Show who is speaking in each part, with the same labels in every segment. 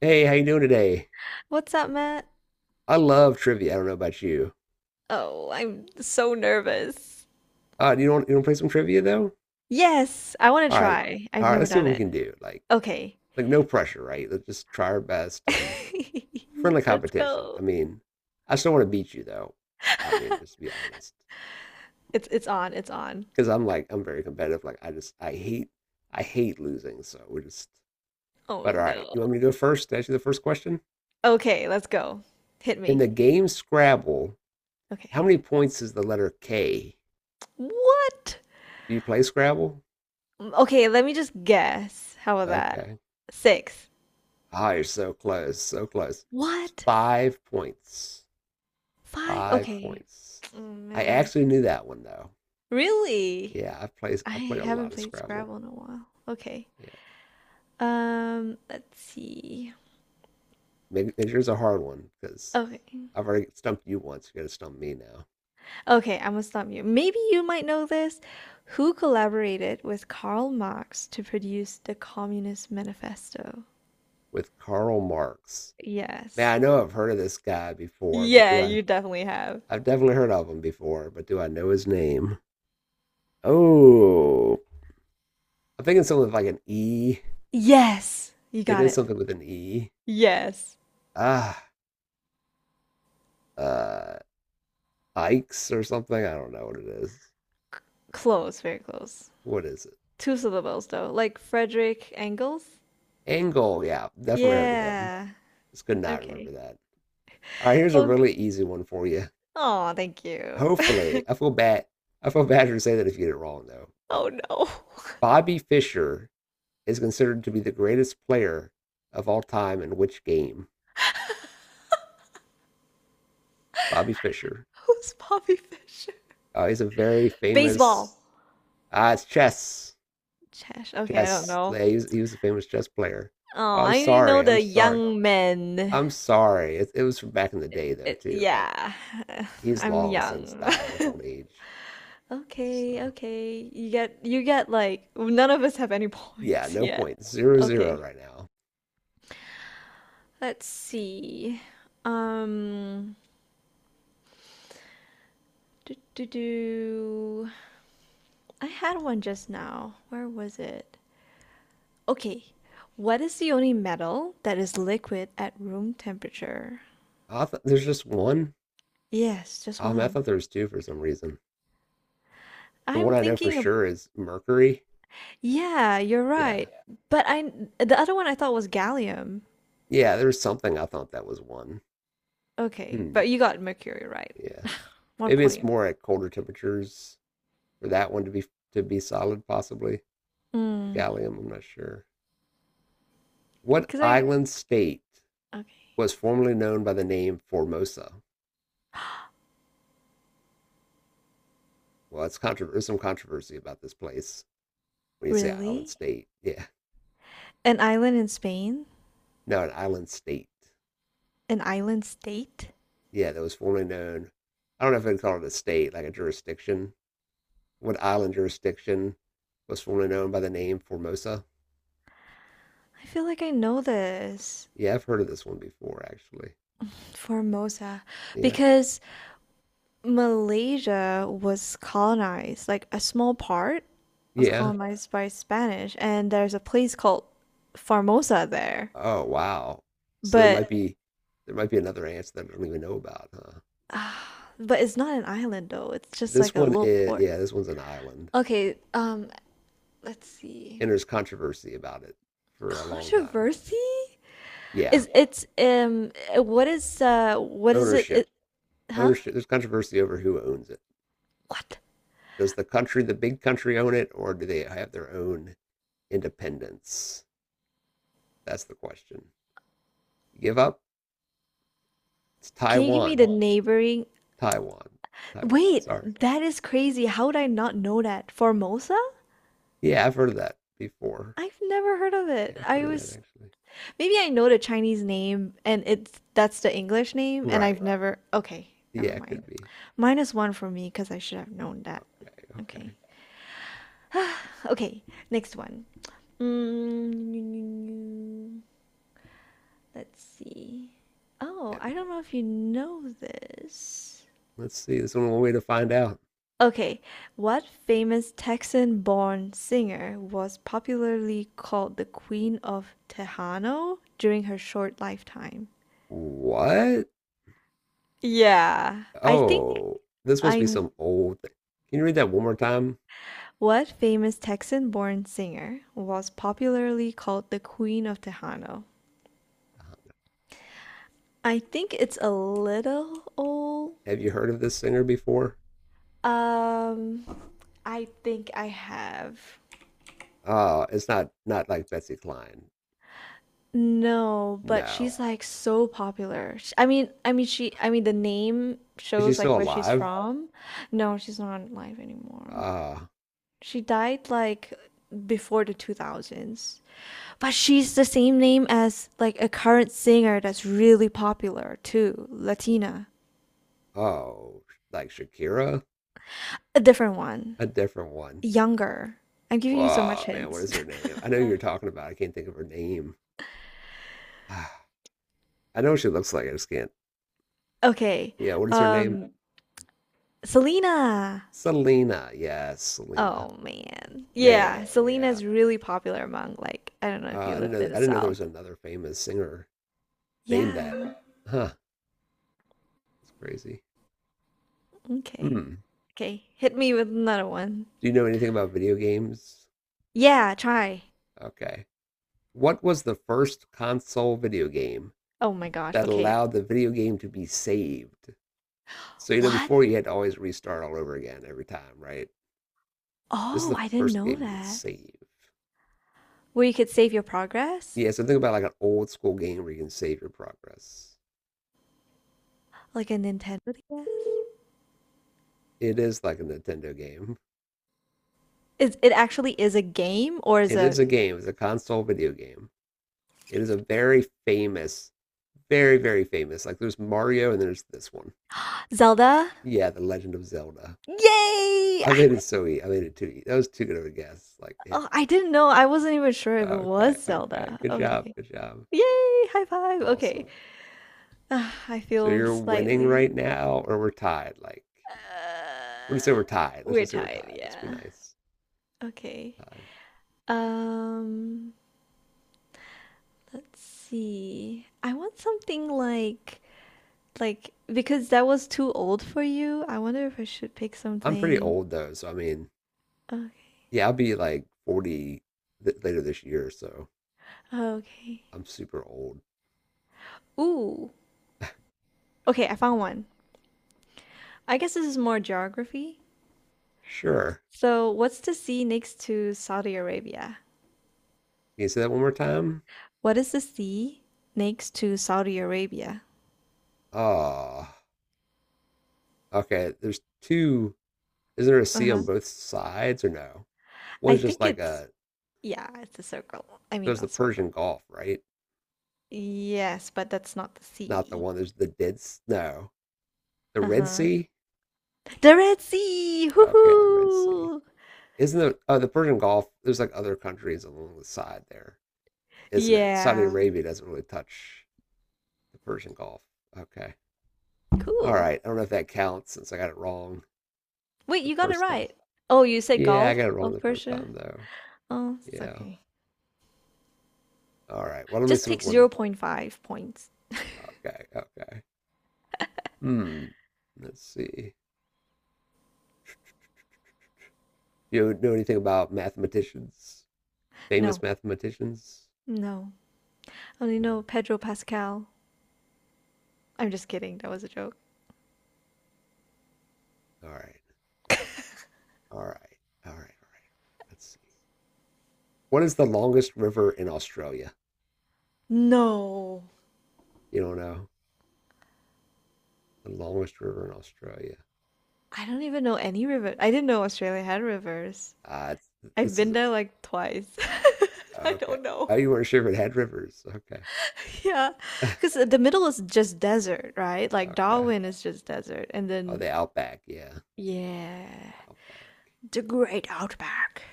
Speaker 1: Hey, how you doing today?
Speaker 2: What's up, Matt?
Speaker 1: I love trivia. I don't know about you.
Speaker 2: Oh, I'm so nervous.
Speaker 1: You don't you want to play some trivia though?
Speaker 2: Yes, I want to
Speaker 1: All right,
Speaker 2: try. I've
Speaker 1: all right.
Speaker 2: never
Speaker 1: Let's see
Speaker 2: done
Speaker 1: what we
Speaker 2: it.
Speaker 1: can do. Like
Speaker 2: Okay.
Speaker 1: like no pressure, right? Let's just try our best and friendly
Speaker 2: Let's
Speaker 1: competition.
Speaker 2: go.
Speaker 1: I mean, I still want to beat you though. I mean, just to be honest,
Speaker 2: It's on. It's on.
Speaker 1: because I'm very competitive. I hate losing. So we're just.
Speaker 2: Oh
Speaker 1: But all right,
Speaker 2: no.
Speaker 1: you want me to go first? To ask you the first question
Speaker 2: Okay, let's go. Hit
Speaker 1: in
Speaker 2: me.
Speaker 1: the game Scrabble. How
Speaker 2: Okay.
Speaker 1: many points is the letter K?
Speaker 2: What?
Speaker 1: Do you play Scrabble?
Speaker 2: Okay, let me just guess. How about that?
Speaker 1: Okay.
Speaker 2: Six.
Speaker 1: Ah, you're so close, so close. It's
Speaker 2: What?
Speaker 1: 5 points.
Speaker 2: Five?
Speaker 1: Five
Speaker 2: Okay.
Speaker 1: points.
Speaker 2: Oh
Speaker 1: I
Speaker 2: man.
Speaker 1: actually knew that one though.
Speaker 2: Really?
Speaker 1: Yeah, I play
Speaker 2: I
Speaker 1: I play a
Speaker 2: haven't
Speaker 1: lot of
Speaker 2: played
Speaker 1: Scrabble.
Speaker 2: Scrabble in a while. Okay.
Speaker 1: Yeah,
Speaker 2: Let's see.
Speaker 1: maybe yours a hard one because
Speaker 2: Okay.
Speaker 1: I've already stumped you once. You're gonna stump me now
Speaker 2: Okay, I'm gonna stop you. Maybe you might know this. Who collaborated with Karl Marx to produce the Communist Manifesto?
Speaker 1: with Karl Marx. Man,
Speaker 2: Yes.
Speaker 1: I know I've heard of this guy before, but
Speaker 2: Yeah,
Speaker 1: do I?
Speaker 2: you definitely have.
Speaker 1: I've definitely heard of him before, but do I know his name? Oh, I'm thinking something with like an E.
Speaker 2: Yes! You
Speaker 1: It
Speaker 2: got
Speaker 1: is
Speaker 2: it.
Speaker 1: something with an E.
Speaker 2: Yes.
Speaker 1: Ah, uh, Ikes or something. I don't know what it is.
Speaker 2: Close, very close.
Speaker 1: What is it?
Speaker 2: Two syllables though, like Frederick Engels?
Speaker 1: Angle. Yeah, definitely heard of him.
Speaker 2: Yeah.
Speaker 1: Just could not remember
Speaker 2: Okay.
Speaker 1: that. All right, here's a
Speaker 2: Close.
Speaker 1: really easy one for you.
Speaker 2: Oh, thank you.
Speaker 1: Hopefully, I feel bad. I feel bad to say that if you get it wrong though. But
Speaker 2: Oh no.
Speaker 1: Bobby Fischer is considered to be the greatest player of all time in which game? Bobby Fischer.
Speaker 2: Who's Bobby Fischer?
Speaker 1: He's a very
Speaker 2: Baseball.
Speaker 1: famous. It's chess.
Speaker 2: Chesh. Okay, I don't
Speaker 1: Chess.
Speaker 2: know.
Speaker 1: Yeah, he was a famous chess player.
Speaker 2: Oh,
Speaker 1: Oh, I'm
Speaker 2: I only
Speaker 1: sorry.
Speaker 2: know
Speaker 1: I'm
Speaker 2: the
Speaker 1: sorry.
Speaker 2: young men.
Speaker 1: I'm sorry. It was from back in the day though
Speaker 2: It,
Speaker 1: too. Like
Speaker 2: yeah,
Speaker 1: he's
Speaker 2: I'm
Speaker 1: long since
Speaker 2: young.
Speaker 1: died of old age.
Speaker 2: Okay,
Speaker 1: So
Speaker 2: okay. You get like none of us have any
Speaker 1: yeah,
Speaker 2: points
Speaker 1: no
Speaker 2: yet.
Speaker 1: point. 0-0
Speaker 2: Okay.
Speaker 1: right now.
Speaker 2: Let's see. Um do do do. I had one just now. Where was it? Okay. What is the only metal that is liquid at room temperature?
Speaker 1: I thought there's just one.
Speaker 2: Yes, just
Speaker 1: I
Speaker 2: one.
Speaker 1: thought there was two for some reason. The one
Speaker 2: I'm
Speaker 1: I know for
Speaker 2: thinking of
Speaker 1: sure is Mercury.
Speaker 2: Yeah, you're
Speaker 1: Yeah.
Speaker 2: right. But I the other one I thought was gallium.
Speaker 1: Yeah, there was something I thought that was one.
Speaker 2: Okay,
Speaker 1: Hmm.
Speaker 2: but you got mercury right.
Speaker 1: Yeah.
Speaker 2: One
Speaker 1: Maybe it's
Speaker 2: point.
Speaker 1: more at colder temperatures for that one to be solid, possibly. The
Speaker 2: Mm.
Speaker 1: gallium, I'm not sure. What
Speaker 2: Cause I
Speaker 1: island state
Speaker 2: okay.
Speaker 1: was formerly known by the name Formosa? Well, it's there's some controversy about this place. When you say Island
Speaker 2: Really?
Speaker 1: State. Yeah.
Speaker 2: An island in Spain?
Speaker 1: No, an island state.
Speaker 2: An island state?
Speaker 1: Yeah, that was formerly known. I don't know if I'd call it a state, like a jurisdiction. What island jurisdiction was formerly known by the name Formosa?
Speaker 2: I feel like I know this.
Speaker 1: Yeah, I've heard of this one before, actually.
Speaker 2: Formosa.
Speaker 1: Yeah.
Speaker 2: Because Malaysia was colonized, like a small part was
Speaker 1: Yeah.
Speaker 2: colonized by Spanish, and there's a place called Formosa there.
Speaker 1: Oh, wow. So there
Speaker 2: But
Speaker 1: might be there might be another answer that I don't even know about, huh?
Speaker 2: Ah, but it's not an island though. It's just
Speaker 1: This
Speaker 2: like a
Speaker 1: one
Speaker 2: little
Speaker 1: is
Speaker 2: port.
Speaker 1: yeah, this one's an island.
Speaker 2: Okay, let's see.
Speaker 1: And there's controversy about it for a long time.
Speaker 2: Controversy?
Speaker 1: Yeah.
Speaker 2: Is it's what is it,
Speaker 1: Ownership.
Speaker 2: it huh?
Speaker 1: Ownership. There's controversy over who owns it.
Speaker 2: What?
Speaker 1: Does the country, the big country, own it, or do they have their own independence? That's the question. You give up? It's
Speaker 2: Can you give me the
Speaker 1: Taiwan.
Speaker 2: neighboring?
Speaker 1: Taiwan. Taiwan.
Speaker 2: Wait,
Speaker 1: Sorry.
Speaker 2: that is crazy. How would I not know that? Formosa?
Speaker 1: Yeah, I've heard of that before.
Speaker 2: I've never heard of
Speaker 1: Yeah,
Speaker 2: it.
Speaker 1: I've
Speaker 2: I
Speaker 1: heard of that
Speaker 2: was
Speaker 1: actually.
Speaker 2: maybe I know the Chinese name and it's that's the English name and I've
Speaker 1: Right.
Speaker 2: never okay, never
Speaker 1: Yeah, it
Speaker 2: mind.
Speaker 1: could be.
Speaker 2: Minus one for me because I should have known that.
Speaker 1: Okay.
Speaker 2: Okay.
Speaker 1: Okay.
Speaker 2: okay, next one. Mm, let's see. Oh,
Speaker 1: Yeah.
Speaker 2: I don't know if you know this.
Speaker 1: Let's see. This one one way to find out.
Speaker 2: Okay, what famous Texan born singer was popularly called the Queen of Tejano during her short lifetime?
Speaker 1: What?
Speaker 2: Yeah, I think
Speaker 1: Oh, this must be
Speaker 2: I.
Speaker 1: some old thing. Can you read that one more time?
Speaker 2: What famous Texan born singer was popularly called the Queen of Tejano?
Speaker 1: Uh-huh.
Speaker 2: I think it's a little old.
Speaker 1: Have you heard of this singer before?
Speaker 2: Um, I think I have.
Speaker 1: It's not like Betsy Klein.
Speaker 2: No, but
Speaker 1: No,
Speaker 2: she's like so popular. I mean she the name
Speaker 1: is she
Speaker 2: shows like
Speaker 1: still
Speaker 2: where she's
Speaker 1: alive?
Speaker 2: from. No, she's not alive anymore.
Speaker 1: Uh,
Speaker 2: She died before the 2000s. But she's the same name as like a current singer that's really popular too, Latina.
Speaker 1: oh, like Shakira?
Speaker 2: A different one,
Speaker 1: A different one.
Speaker 2: younger. I'm giving you so
Speaker 1: Oh,
Speaker 2: much
Speaker 1: man, what
Speaker 2: hints.
Speaker 1: is her name? I know you're talking about. I can't think of her name. Ah, I know what she looks like. I just can't.
Speaker 2: Okay.
Speaker 1: Yeah, what is her name?
Speaker 2: Um, Selena.
Speaker 1: Selena. Yes, Selena.
Speaker 2: Oh man. Yeah,
Speaker 1: Man,
Speaker 2: Selena
Speaker 1: yeah.
Speaker 2: is really popular among like I don't know if
Speaker 1: I
Speaker 2: you
Speaker 1: didn't
Speaker 2: lived
Speaker 1: know.
Speaker 2: in the
Speaker 1: I didn't know there
Speaker 2: South.
Speaker 1: was another famous singer named that.
Speaker 2: Yeah.
Speaker 1: Huh. That's crazy.
Speaker 2: Okay.
Speaker 1: Hmm.
Speaker 2: Okay. Hit me with another one.
Speaker 1: Do you know anything about video games?
Speaker 2: Yeah, try.
Speaker 1: Okay. What was the first console video game
Speaker 2: Oh my gosh.
Speaker 1: that
Speaker 2: Okay.
Speaker 1: allowed the video game to be saved? So you know,
Speaker 2: What?
Speaker 1: before you had to always restart all over again every time, right? This is
Speaker 2: Oh,
Speaker 1: the
Speaker 2: I didn't
Speaker 1: first
Speaker 2: know
Speaker 1: game you can
Speaker 2: that.
Speaker 1: save.
Speaker 2: Where you could save your progress?
Speaker 1: Yeah, so think about like an old school game where you can save your progress.
Speaker 2: Like a Nintendo DS?
Speaker 1: It is like a Nintendo game.
Speaker 2: Is it actually is a game or is
Speaker 1: It is
Speaker 2: a
Speaker 1: a game. It's a console video game. It is a very famous, very famous. Like there's Mario and there's this one.
Speaker 2: Zelda?
Speaker 1: Yeah, The Legend of Zelda.
Speaker 2: Yay!
Speaker 1: I
Speaker 2: I
Speaker 1: made it so easy. I made it too easy. That was too good of a guess. Like hint.
Speaker 2: Oh, I didn't know. I wasn't even sure if it
Speaker 1: Okay,
Speaker 2: was
Speaker 1: okay.
Speaker 2: Zelda.
Speaker 1: Good job.
Speaker 2: Okay.
Speaker 1: Good job.
Speaker 2: Yay! High five. Okay.
Speaker 1: Awesome.
Speaker 2: Ah, I
Speaker 1: So
Speaker 2: feel
Speaker 1: you're winning right
Speaker 2: slightly
Speaker 1: now, or we're tied. Like we'll just say
Speaker 2: uh,
Speaker 1: we're tied. Let's
Speaker 2: we're
Speaker 1: just say we're
Speaker 2: tired,
Speaker 1: tied. Let's be
Speaker 2: yeah.
Speaker 1: nice.
Speaker 2: Okay.
Speaker 1: Tied.
Speaker 2: Um, let's see. I want something like because that was too old for you. I wonder if I should pick
Speaker 1: I'm pretty
Speaker 2: something.
Speaker 1: old though, so I mean,
Speaker 2: Okay.
Speaker 1: yeah, I'll be like 40 later this year, so
Speaker 2: Okay.
Speaker 1: I'm super old.
Speaker 2: Ooh. Okay, I found one. I guess this is more geography.
Speaker 1: Sure.
Speaker 2: So, what's the sea next to Saudi Arabia?
Speaker 1: Can you say that one more time?
Speaker 2: What is the sea next to Saudi Arabia?
Speaker 1: Oh, okay. There's two. Is there a sea on
Speaker 2: Uh-huh.
Speaker 1: both sides or no?
Speaker 2: I
Speaker 1: One's just
Speaker 2: think
Speaker 1: like
Speaker 2: it's
Speaker 1: a.
Speaker 2: Yeah, it's a circle. I
Speaker 1: So
Speaker 2: mean,
Speaker 1: it's the
Speaker 2: not circle.
Speaker 1: Persian Gulf, right?
Speaker 2: Yes, but that's not the
Speaker 1: Not the
Speaker 2: sea.
Speaker 1: one. There's the Dead. No, the Red
Speaker 2: Uh-huh.
Speaker 1: Sea.
Speaker 2: The Red Sea!
Speaker 1: Okay, the Red Sea.
Speaker 2: Hoo-hoo!
Speaker 1: Isn't the Persian Gulf? There's like other countries along the side there. Isn't it? Saudi
Speaker 2: Yeah.
Speaker 1: Arabia doesn't really touch the Persian Gulf. Okay. All
Speaker 2: Cool.
Speaker 1: right. I don't know if that counts since I got it wrong
Speaker 2: Wait,
Speaker 1: the
Speaker 2: you got it
Speaker 1: first time.
Speaker 2: right. Oh, you said
Speaker 1: Yeah, I got it
Speaker 2: Gulf
Speaker 1: wrong
Speaker 2: of
Speaker 1: the first
Speaker 2: Persia?
Speaker 1: time though.
Speaker 2: Oh, it's
Speaker 1: Yeah.
Speaker 2: okay.
Speaker 1: All right. Well, let me
Speaker 2: Just
Speaker 1: see what
Speaker 2: take
Speaker 1: one.
Speaker 2: zero point 0.5 points.
Speaker 1: Okay. Okay. Hmm. Let's see. Do you know anything about mathematicians?
Speaker 2: No,
Speaker 1: Famous mathematicians?
Speaker 2: no. I only
Speaker 1: Mm-hmm.
Speaker 2: know Pedro Pascal. I'm just kidding. That was a joke.
Speaker 1: All right. All right. All right. Let's see. What is the longest river in Australia?
Speaker 2: No.
Speaker 1: You don't know the longest river in Australia.
Speaker 2: I don't even know any river. I didn't know Australia had rivers.
Speaker 1: It's,
Speaker 2: I've
Speaker 1: this
Speaker 2: been
Speaker 1: is
Speaker 2: there like twice. I
Speaker 1: Okay.
Speaker 2: don't know.
Speaker 1: Oh, you weren't sure if it had rivers. Okay.
Speaker 2: Yeah, because the middle is just desert, right? Like
Speaker 1: Okay.
Speaker 2: Darwin is just desert, and
Speaker 1: Oh,
Speaker 2: then
Speaker 1: the Outback. Yeah,
Speaker 2: yeah,
Speaker 1: Outback.
Speaker 2: the Great Outback.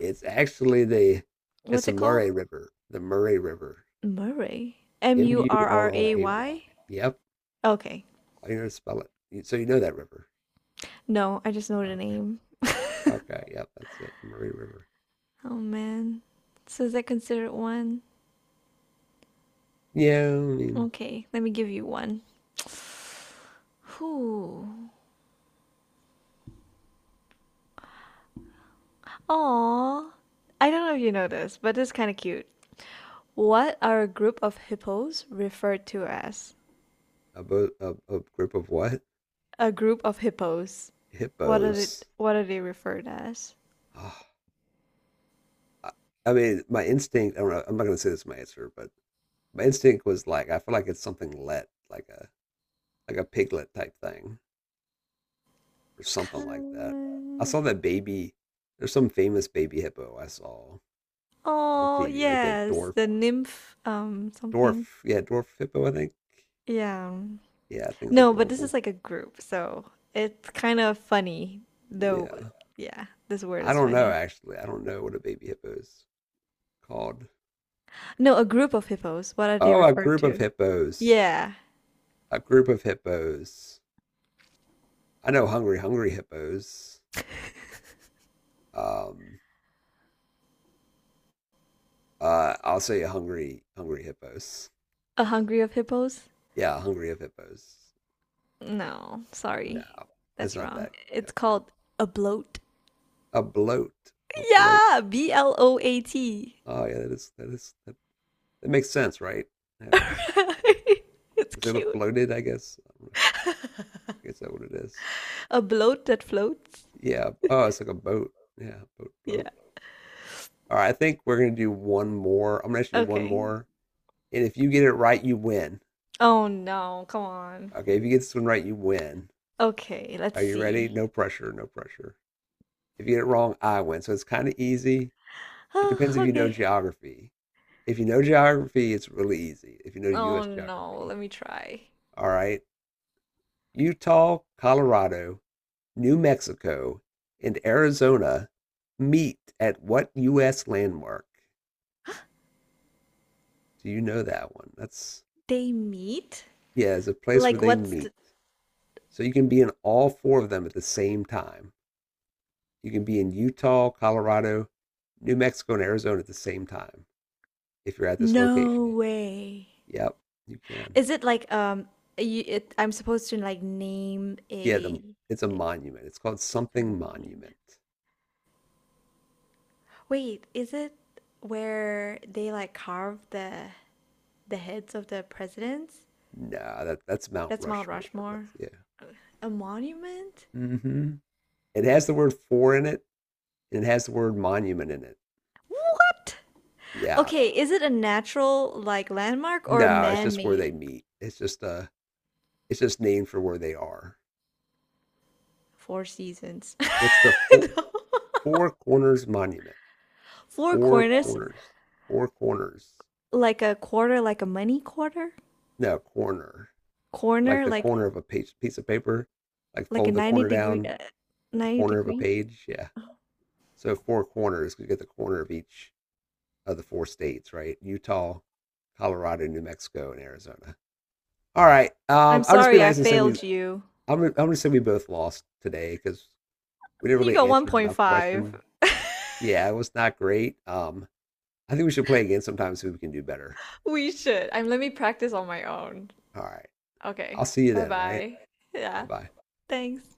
Speaker 1: It's actually the it's
Speaker 2: What's
Speaker 1: the
Speaker 2: it called?
Speaker 1: Murray River. The Murray River.
Speaker 2: Murray. M
Speaker 1: M
Speaker 2: U
Speaker 1: U
Speaker 2: R
Speaker 1: R
Speaker 2: R
Speaker 1: R
Speaker 2: A
Speaker 1: A Y.
Speaker 2: Y.
Speaker 1: Yep.
Speaker 2: Okay.
Speaker 1: I know how to spell it. You- So you know that river.
Speaker 2: No, I just know the
Speaker 1: Okay.
Speaker 2: name.
Speaker 1: Okay. Yep. That's it. The Murray River.
Speaker 2: Oh man. So is that considered one?
Speaker 1: Yeah. I mean,
Speaker 2: Okay, let me give you one. Whew. Aw. I don't know if you know this, but it's kind of cute. What are a group of hippos referred to as?
Speaker 1: a group of what?
Speaker 2: A group of hippos. What are it?
Speaker 1: Hippos.
Speaker 2: What are they referred as?
Speaker 1: Ah, I, I mean, my instinct. I don't know. I'm not gonna say this is my answer, but my instinct was like, I feel like it's like a piglet type thing or something like that. I
Speaker 2: Kan-
Speaker 1: saw that baby. There's some famous baby hippo I saw on
Speaker 2: Oh,
Speaker 1: TV, like that
Speaker 2: yes, the nymph. Something.
Speaker 1: dwarf, yeah, dwarf hippo. I think,
Speaker 2: Yeah.
Speaker 1: yeah, I think it's
Speaker 2: No, but this
Speaker 1: adorable.
Speaker 2: is like a group, so it's kind of funny. Though,
Speaker 1: Yeah,
Speaker 2: yeah, this word
Speaker 1: I
Speaker 2: is
Speaker 1: don't know
Speaker 2: funny.
Speaker 1: actually. I don't know what a baby hippo is called.
Speaker 2: No, a group of hippos. What are they
Speaker 1: Oh, a
Speaker 2: referred
Speaker 1: group of
Speaker 2: to?
Speaker 1: hippos.
Speaker 2: Yeah,
Speaker 1: A group of hippos. I know hungry, hungry hippos. Um, I'll say hungry, hungry hippos.
Speaker 2: a hungry of hippos.
Speaker 1: Yeah, hungry of hippos.
Speaker 2: No,
Speaker 1: No,
Speaker 2: sorry.
Speaker 1: that's
Speaker 2: That's
Speaker 1: not
Speaker 2: wrong.
Speaker 1: that. Yeah,
Speaker 2: It's
Speaker 1: okay.
Speaker 2: called a bloat.
Speaker 1: A bloat. A bloat.
Speaker 2: Yeah, bloat.
Speaker 1: Oh yeah, that makes sense, right? That makes sense because
Speaker 2: it's
Speaker 1: they look
Speaker 2: cute.
Speaker 1: bloated. I guess. I don't know. I guess that what it is.
Speaker 2: A bloat that floats.
Speaker 1: Yeah. Oh, it's like a boat. Yeah, boat bloat.
Speaker 2: Yeah.
Speaker 1: All right. I think we're gonna do one more. I'm gonna ask you one
Speaker 2: Okay.
Speaker 1: more, and if you get it right, you win.
Speaker 2: Oh no, come on.
Speaker 1: Okay. If you get this one right, you win.
Speaker 2: Okay, let's
Speaker 1: Are you ready?
Speaker 2: see.
Speaker 1: No pressure. No pressure. If you get it wrong, I win. So it's kind of easy. It
Speaker 2: Oh,
Speaker 1: depends if you know
Speaker 2: okay.
Speaker 1: geography. If you know geography, it's really easy. If you know
Speaker 2: Oh
Speaker 1: U.S.
Speaker 2: no,
Speaker 1: geography,
Speaker 2: let me try.
Speaker 1: all right. Utah, Colorado, New Mexico, and Arizona meet at what U.S. landmark? Do you know that one? That's,
Speaker 2: They meet?
Speaker 1: yeah, it's a place where
Speaker 2: Like
Speaker 1: they
Speaker 2: what's
Speaker 1: meet.
Speaker 2: the
Speaker 1: So you can be in all four of them at the same time. You can be in Utah, Colorado, New Mexico, and Arizona at the same time if you're at this
Speaker 2: No
Speaker 1: location.
Speaker 2: way.
Speaker 1: Yep, you can.
Speaker 2: Is it like you I'm supposed to like name
Speaker 1: Yeah, it's a monument. It's called
Speaker 2: a
Speaker 1: something
Speaker 2: monument.
Speaker 1: monument.
Speaker 2: Wait, is it where they like carve the heads of the presidents?
Speaker 1: Nah, that's Mount
Speaker 2: That's Mount
Speaker 1: Rushmore. That's
Speaker 2: Rushmore.
Speaker 1: yeah.
Speaker 2: A monument?
Speaker 1: Mm-hmm. It has the word "for" in it, and it has the word "monument" in it.
Speaker 2: What?
Speaker 1: Yeah,
Speaker 2: Okay, is it a natural like landmark or a
Speaker 1: no, it's just where they
Speaker 2: man-made?
Speaker 1: meet. It's just named for where they are.
Speaker 2: Four seasons.
Speaker 1: It's the four,
Speaker 2: No.
Speaker 1: four Corners Monument.
Speaker 2: Four
Speaker 1: Four
Speaker 2: corners,
Speaker 1: corners, four corners.
Speaker 2: like a quarter, like a money quarter?
Speaker 1: No corner, like
Speaker 2: Corner,
Speaker 1: the
Speaker 2: like
Speaker 1: corner of a page, piece of paper, like
Speaker 2: a
Speaker 1: fold the
Speaker 2: 90
Speaker 1: corner
Speaker 2: degree
Speaker 1: down, the
Speaker 2: 90
Speaker 1: corner of a
Speaker 2: degree?
Speaker 1: page. Yeah. So four corners. 'Cause you get the corner of each of the four states, right? Utah, Colorado, New Mexico, and Arizona. All right.
Speaker 2: I'm
Speaker 1: I'll just be
Speaker 2: sorry, I
Speaker 1: nice and say we
Speaker 2: failed you.
Speaker 1: I'm gonna say we both lost today because we didn't
Speaker 2: You
Speaker 1: really
Speaker 2: got
Speaker 1: answer enough
Speaker 2: 1.5.
Speaker 1: question. Yeah, it was not great. I think we should play again sometime so we can do better.
Speaker 2: We should. I'm let me practice on my own.
Speaker 1: All right. I'll
Speaker 2: Okay.
Speaker 1: see you then. All right.
Speaker 2: Bye-bye.
Speaker 1: Bye
Speaker 2: Yeah.
Speaker 1: bye.
Speaker 2: Thanks.